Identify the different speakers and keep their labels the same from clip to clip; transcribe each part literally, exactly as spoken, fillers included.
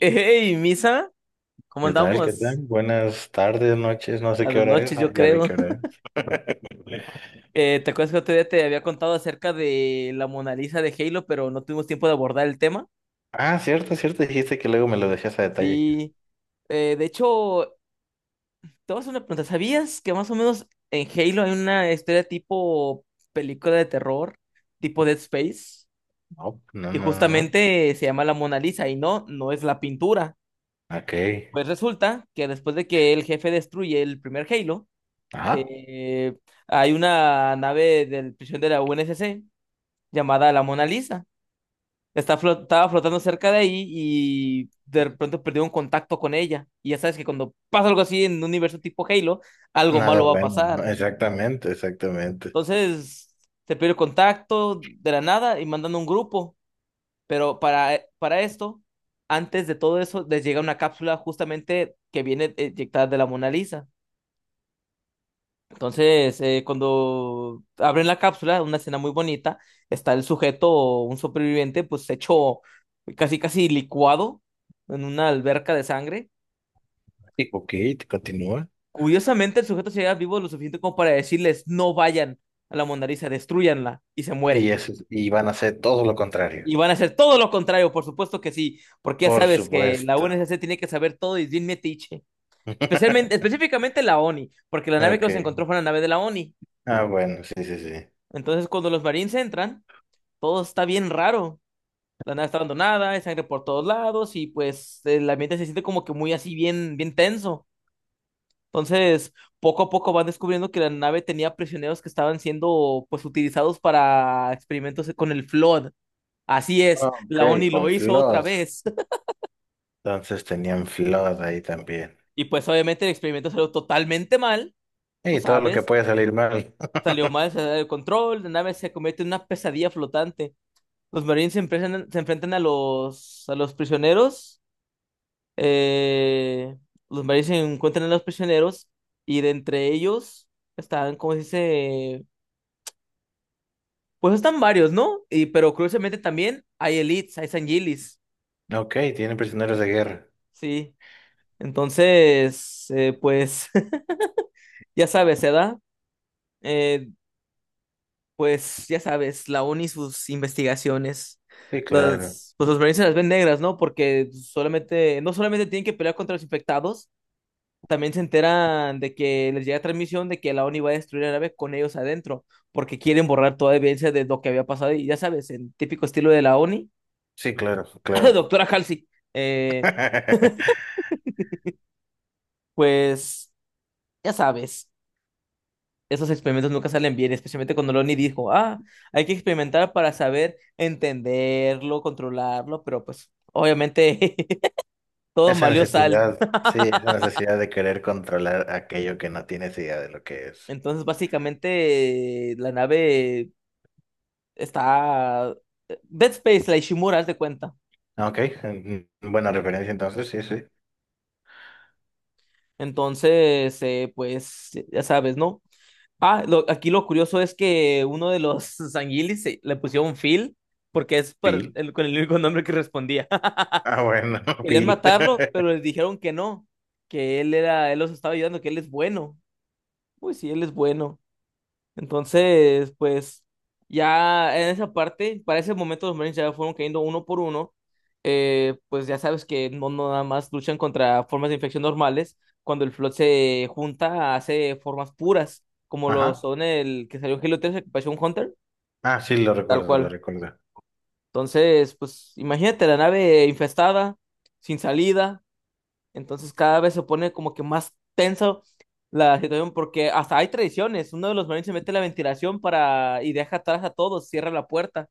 Speaker 1: Hey, Misa, ¿cómo
Speaker 2: ¿Qué tal? ¿Qué tal?
Speaker 1: andamos?
Speaker 2: Buenas tardes, noches, no sé
Speaker 1: A
Speaker 2: qué
Speaker 1: de
Speaker 2: hora es,
Speaker 1: noche,
Speaker 2: ah,
Speaker 1: yo
Speaker 2: ya vi
Speaker 1: creo.
Speaker 2: qué hora es.
Speaker 1: Eh, ¿te acuerdas que otro día te había contado acerca de la Mona Lisa de Halo, pero no tuvimos tiempo de abordar el tema?
Speaker 2: Ah, cierto, cierto, dijiste que luego me lo decías a detalle.
Speaker 1: Sí, eh, de hecho, te voy a hacer una pregunta. ¿Sabías que más o menos en Halo hay una historia tipo película de terror, tipo Dead Space?
Speaker 2: No, no,
Speaker 1: Y
Speaker 2: no, no.
Speaker 1: justamente se llama la Mona Lisa y no, no es la pintura.
Speaker 2: No. Ok.
Speaker 1: Pues resulta que después de que el jefe destruye el primer Halo,
Speaker 2: Ah,
Speaker 1: Eh, hay una nave del prisión de la U N S C llamada la Mona Lisa. Está flot- estaba flotando cerca de ahí y de pronto perdió un contacto con ella. Y ya sabes que cuando pasa algo así en un universo tipo Halo, algo
Speaker 2: nada
Speaker 1: malo va a
Speaker 2: bueno. No,
Speaker 1: pasar.
Speaker 2: exactamente, exactamente.
Speaker 1: Entonces, se pierde contacto de la nada y mandan un grupo. Pero para, eh, para esto, antes de todo eso, les llega una cápsula justamente que viene eyectada de la Mona Lisa. Entonces, eh, cuando abren la cápsula, una escena muy bonita, está el sujeto, un superviviente, pues hecho casi casi licuado en una alberca de sangre.
Speaker 2: Y, ok, te continúa.
Speaker 1: Curiosamente, el sujeto llega vivo lo suficiente como para decirles, no vayan a la Mona Lisa, destruyanla, y se muere.
Speaker 2: Y eso, y van a hacer todo lo contrario.
Speaker 1: Y van a hacer todo lo contrario, por supuesto que sí, porque ya
Speaker 2: Por
Speaker 1: sabes que la
Speaker 2: supuesto.
Speaker 1: U N S C tiene que saber todo y es bien metiche. Especialmente, específicamente la ONI, porque la nave que los
Speaker 2: Ok.
Speaker 1: encontró fue una nave de la ONI.
Speaker 2: Ah, bueno, sí, sí, sí.
Speaker 1: Entonces, cuando los marines entran, todo está bien raro. La nave está abandonada, hay sangre por todos lados y pues el ambiente se siente como que muy así bien, bien tenso. Entonces, poco a poco van descubriendo que la nave tenía prisioneros que estaban siendo pues utilizados para experimentos con el Flood. Así es,
Speaker 2: Ok,
Speaker 1: la ONI
Speaker 2: con
Speaker 1: lo hizo otra
Speaker 2: flood.
Speaker 1: vez.
Speaker 2: Entonces tenían flood ahí también.
Speaker 1: Y pues obviamente el experimento salió totalmente mal, tú
Speaker 2: Y todo lo que
Speaker 1: sabes,
Speaker 2: puede salir mal.
Speaker 1: salió mal, se salió de control, la nave se convierte en una pesadilla flotante. Los marines se enfrentan, se enfrentan a los, a los prisioneros, eh, los maris se encuentran a los prisioneros y de entre ellos están, como se dice, pues están varios, ¿no? Y, pero curiosamente también hay elites, hay sanguilis,
Speaker 2: Ok, tiene prisioneros de guerra.
Speaker 1: sí. Entonces, eh, pues, ya sabes, se da. Eh, pues, ya sabes, la ONI y sus investigaciones.
Speaker 2: Sí, claro.
Speaker 1: Las, pues los marines se las ven negras, ¿no? Porque solamente, no solamente tienen que pelear contra los infectados, también se enteran de que les llega transmisión de que la ONI va a destruir la nave con ellos adentro, porque quieren borrar toda evidencia de lo que había pasado. Y ya sabes, en típico estilo de la ONI,
Speaker 2: Sí, claro, claro.
Speaker 1: doctora Halsey, eh, pues ya sabes, esos experimentos nunca salen bien, especialmente cuando la ONI dijo, ah, hay que experimentar para saber entenderlo, controlarlo, pero pues obviamente todo
Speaker 2: Esa
Speaker 1: valió sal.
Speaker 2: necesidad, sí, esa necesidad de querer controlar aquello que no tienes idea de lo que es.
Speaker 1: Entonces, básicamente, la nave está... eh, Dead Space, la Ishimura, haz de cuenta.
Speaker 2: Ah, ok, mm, buena referencia entonces, sí, sí.
Speaker 1: Entonces, eh, pues, ya sabes, ¿no? Ah, lo- aquí lo curioso es que uno de los sanguilis se- le pusieron Phil porque es para
Speaker 2: Pil.
Speaker 1: el, con el único nombre que respondía.
Speaker 2: Ah, bueno,
Speaker 1: Querían
Speaker 2: Pil.
Speaker 1: matarlo, pero les dijeron que no, que él era, él los estaba ayudando, que él es bueno. Pues sí, él es bueno. Entonces, pues ya en esa parte, para ese momento los Marines ya fueron cayendo uno por uno. Eh, pues ya sabes que no, no nada más luchan contra formas de infección normales. Cuando el Flood se junta, hace formas puras, como lo
Speaker 2: Ajá.
Speaker 1: son el que salió en Halo tres, el que pareció un Hunter,
Speaker 2: Ah, sí, lo
Speaker 1: tal
Speaker 2: recuerdo, lo
Speaker 1: cual.
Speaker 2: recuerdo.
Speaker 1: Entonces, pues imagínate la nave infestada, sin salida. Entonces cada vez se pone como que más tenso la situación porque hasta hay tradiciones. Uno de los marines se mete en la ventilación para y deja atrás a todos, cierra la puerta.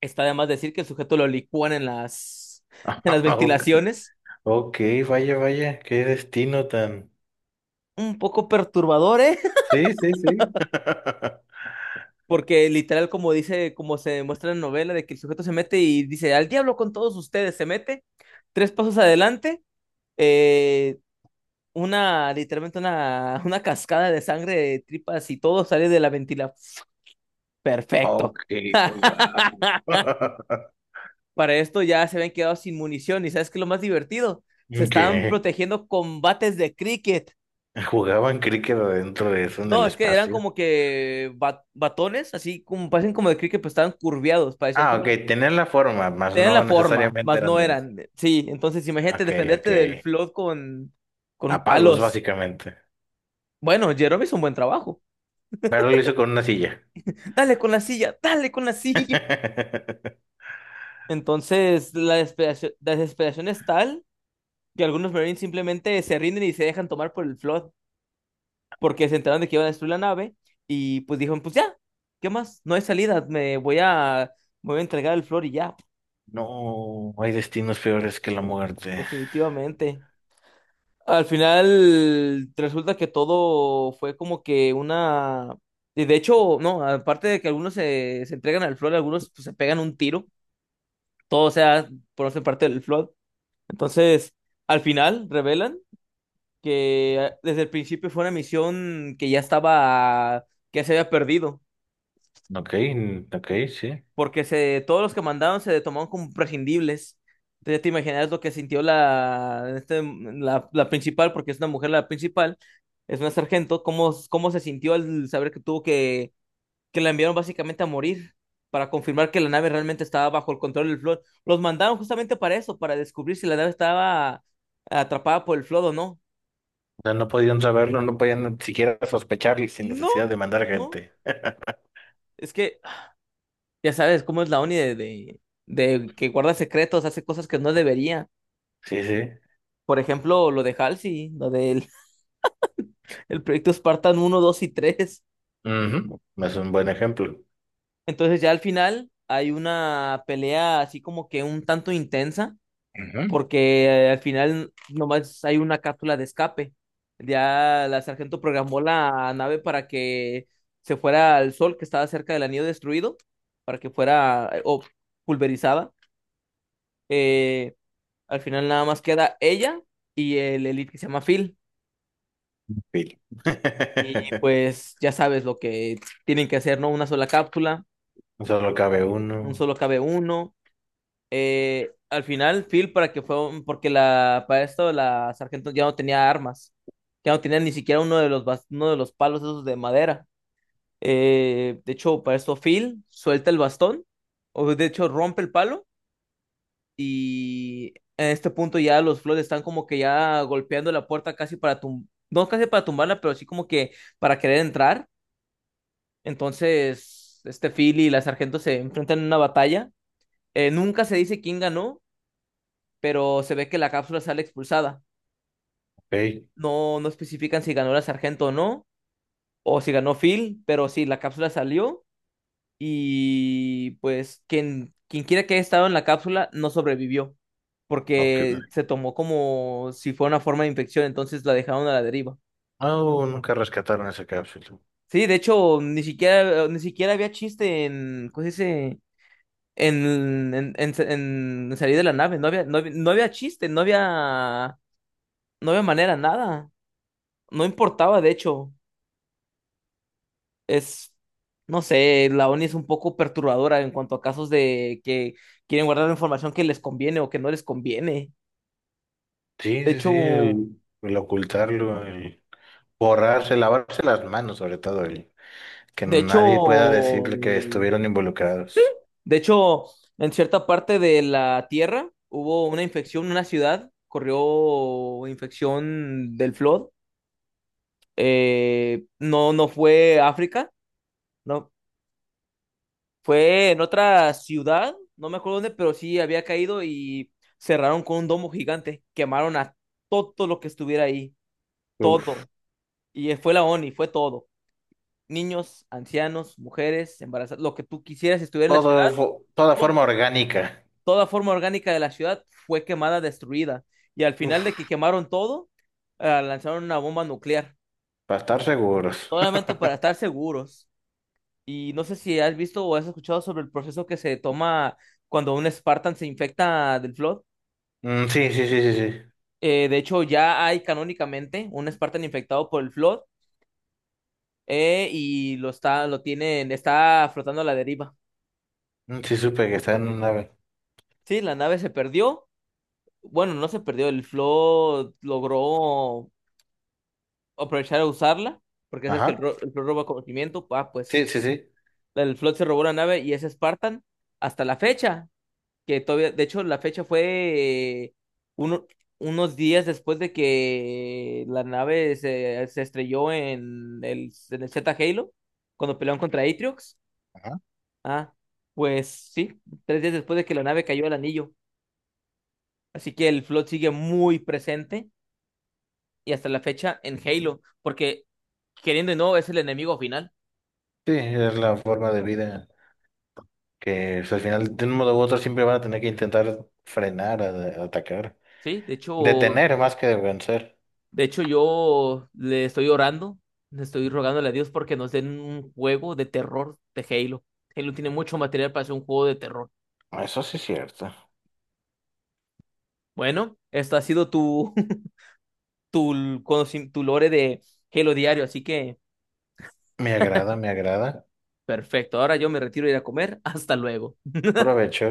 Speaker 1: Está además decir que el sujeto lo licúan en las en las
Speaker 2: Ok,
Speaker 1: ventilaciones.
Speaker 2: ok, vaya, vaya, qué destino tan.
Speaker 1: Un poco perturbador, ¿eh?
Speaker 2: Sí, sí, sí.
Speaker 1: Porque literal como dice, como se muestra en la novela, de que el sujeto se mete y dice, al diablo con todos ustedes, se mete tres pasos adelante, eh, una, literalmente una, una cascada de sangre, de tripas y todo sale de la ventila. Perfecto.
Speaker 2: Ok, wow.
Speaker 1: Para esto ya se habían quedado sin munición y ¿sabes qué es lo más divertido? Se
Speaker 2: Ok,
Speaker 1: estaban protegiendo con bates de cricket.
Speaker 2: jugaban cricket adentro de eso en el
Speaker 1: No, es que eran
Speaker 2: espacio.
Speaker 1: como que ba- batones, así como parecen como de cricket, pero estaban curviados, parecían
Speaker 2: Ah,
Speaker 1: como...
Speaker 2: ok, tenían la forma, mas
Speaker 1: tenían la
Speaker 2: no
Speaker 1: forma,
Speaker 2: necesariamente
Speaker 1: mas
Speaker 2: eran
Speaker 1: no
Speaker 2: de eso.
Speaker 1: eran. Sí, entonces imagínate
Speaker 2: Ok, ok.
Speaker 1: defenderte del flood con,
Speaker 2: A
Speaker 1: con
Speaker 2: palos,
Speaker 1: palos.
Speaker 2: básicamente.
Speaker 1: Bueno, Jerome hizo un buen trabajo.
Speaker 2: Pero lo hizo con una silla.
Speaker 1: Dale con la silla, dale con la silla. Entonces la desesperación, la desesperación es tal que algunos Marines simplemente se rinden y se dejan tomar por el Flood porque se enteraron de que iban a destruir la nave y pues dijeron, pues ya, ¿qué más? No hay salida, me voy a, me voy a entregar el Flood y ya,
Speaker 2: No, hay destinos peores que la muerte.
Speaker 1: definitivamente. Al final resulta que todo fue como que una... y de hecho, no, aparte de que algunos se, se entregan al Flood, algunos pues, se pegan un tiro, todo o sea, por no ser parte del Flood. Entonces, al final revelan que desde el principio fue una misión que ya estaba, que se había perdido,
Speaker 2: Ok, mm, ok, sí.
Speaker 1: porque se, todos los que mandaron se tomaron como prescindibles. Entonces ya te imaginas lo que sintió la, este, la, la principal, porque es una mujer la principal, es una sargento, cómo, cómo se sintió al saber que tuvo que, que la enviaron básicamente a morir para confirmar que la nave realmente estaba bajo el control del Flood. Los mandaron justamente para eso, para descubrir si la nave estaba atrapada por el Flood o no.
Speaker 2: O sea, no podían saberlo, no podían ni siquiera sospecharlo sin
Speaker 1: No,
Speaker 2: necesidad de mandar
Speaker 1: no.
Speaker 2: gente.
Speaker 1: Es que ya sabes cómo es la ONI de, de, de que guarda secretos, hace cosas que no debería.
Speaker 2: Sí, sí.
Speaker 1: Por ejemplo, lo de Halsey, lo del el proyecto Spartan uno dos y tres.
Speaker 2: Ujú, es un buen ejemplo.
Speaker 1: Entonces ya al final hay una pelea así como que un tanto intensa,
Speaker 2: Ujú.
Speaker 1: porque eh, al final nomás hay una cápsula de escape. Ya la sargento programó la nave para que se fuera al sol que estaba cerca del anillo destruido, para que fuera eh, o pulverizada. Eh, Al final nada más queda ella y el elite que se llama Phil.
Speaker 2: Pil.
Speaker 1: Y pues ya sabes lo que tienen que hacer, ¿no? Una sola cápsula,
Speaker 2: Solo cabe
Speaker 1: un
Speaker 2: uno.
Speaker 1: solo cabe uno. Eh, al final, Phil, para que fue, porque la, para esto la sargento ya no tenía armas, ya no tenía ni siquiera uno de los, bas- uno de los palos esos de madera. Eh, de hecho, para esto Phil suelta el bastón, o de hecho rompe el palo. Y en este punto ya los Floyd están como que ya golpeando la puerta casi para tum no casi para tumbarla, pero sí como que para querer entrar. Entonces, este Phil y la sargento se enfrentan en una batalla. Eh, nunca se dice quién ganó, pero se ve que la cápsula sale expulsada.
Speaker 2: Ok.
Speaker 1: No, no especifican si ganó la sargento o no, o si ganó Phil, pero sí, la cápsula salió y pues quien, quien quiera que haya estado en la cápsula no sobrevivió
Speaker 2: Ok.
Speaker 1: porque se tomó como si fuera una forma de infección, entonces la dejaron a la deriva.
Speaker 2: No, nunca rescataron esa cápsula.
Speaker 1: Sí, de hecho, ni siquiera, ni siquiera había chiste en, ¿cómo se dice? En, en, en, en salir de la nave, no había, no había, no había chiste, no había, no había manera, nada, no importaba, de hecho, es, no sé, la ONI es un poco perturbadora en cuanto a casos de que quieren guardar información que les conviene o que no les conviene.
Speaker 2: Sí,
Speaker 1: De
Speaker 2: sí, sí,
Speaker 1: hecho,
Speaker 2: el, el ocultarlo, el borrarse, lavarse las manos, sobre todo, el que
Speaker 1: de
Speaker 2: nadie pueda
Speaker 1: hecho,
Speaker 2: decirle que estuvieron
Speaker 1: sí.
Speaker 2: involucrados.
Speaker 1: De hecho, en cierta parte de la Tierra hubo una infección, una ciudad corrió infección del flood. Eh, no, no fue África, no, fue en otra ciudad, no me acuerdo dónde, pero sí había caído y cerraron con un domo gigante, quemaron a todo lo que estuviera ahí,
Speaker 2: Uf,
Speaker 1: todo. Y eh, fue la ONI, fue todo. Niños, ancianos, mujeres, embarazadas, lo que tú quisieras estuviera en la ciudad
Speaker 2: todo, fo- toda forma orgánica.
Speaker 1: toda forma orgánica de la ciudad fue quemada, destruida. Y al final de que
Speaker 2: Uf,
Speaker 1: quemaron todo, eh, lanzaron una bomba nuclear,
Speaker 2: para estar seguros.
Speaker 1: solamente para estar seguros. Y no sé si has visto o has escuchado sobre el proceso que se toma cuando un Spartan se infecta del Flood.
Speaker 2: Mm, sí, sí, sí, sí, sí.
Speaker 1: Eh, de hecho, ya hay canónicamente un Spartan infectado por el Flood, eh, y lo está, lo tienen, está flotando a la deriva.
Speaker 2: Mm, sí, supe que está en una nave.
Speaker 1: Sí, la nave se perdió. Bueno, no se perdió, el Flood logró aprovechar a usarla, porque sabes que el,
Speaker 2: Ajá.
Speaker 1: ro- el Flood roba conocimiento, ah, pues
Speaker 2: Sí, sí, sí.
Speaker 1: el Flood se robó la nave y es Spartan hasta la fecha, que todavía, de hecho la fecha fue eh, uno- unos días después de que la nave se, se estrelló en el, en el Z Halo, cuando pelearon contra Atriox,
Speaker 2: Ajá.
Speaker 1: ah, pues sí, tres días después de que la nave cayó al anillo, así que el Flood sigue muy presente y hasta la fecha en Halo, porque queriendo o no es el enemigo final.
Speaker 2: Sí, es la forma de vida que pues, al final, de un modo u otro, siempre van a tener que intentar frenar, a- a atacar.
Speaker 1: Sí, de hecho,
Speaker 2: Detener más que vencer.
Speaker 1: de hecho yo le estoy orando, le estoy rogándole a Dios porque nos den un juego de terror de Halo. Halo tiene mucho material para hacer un juego de terror.
Speaker 2: Eso sí es cierto.
Speaker 1: Bueno, esto ha sido tu, tu, conoci- tu lore de Halo diario, así que
Speaker 2: Me agrada, me agrada.
Speaker 1: perfecto. Ahora yo me retiro a ir a comer. Hasta luego.
Speaker 2: Provecho.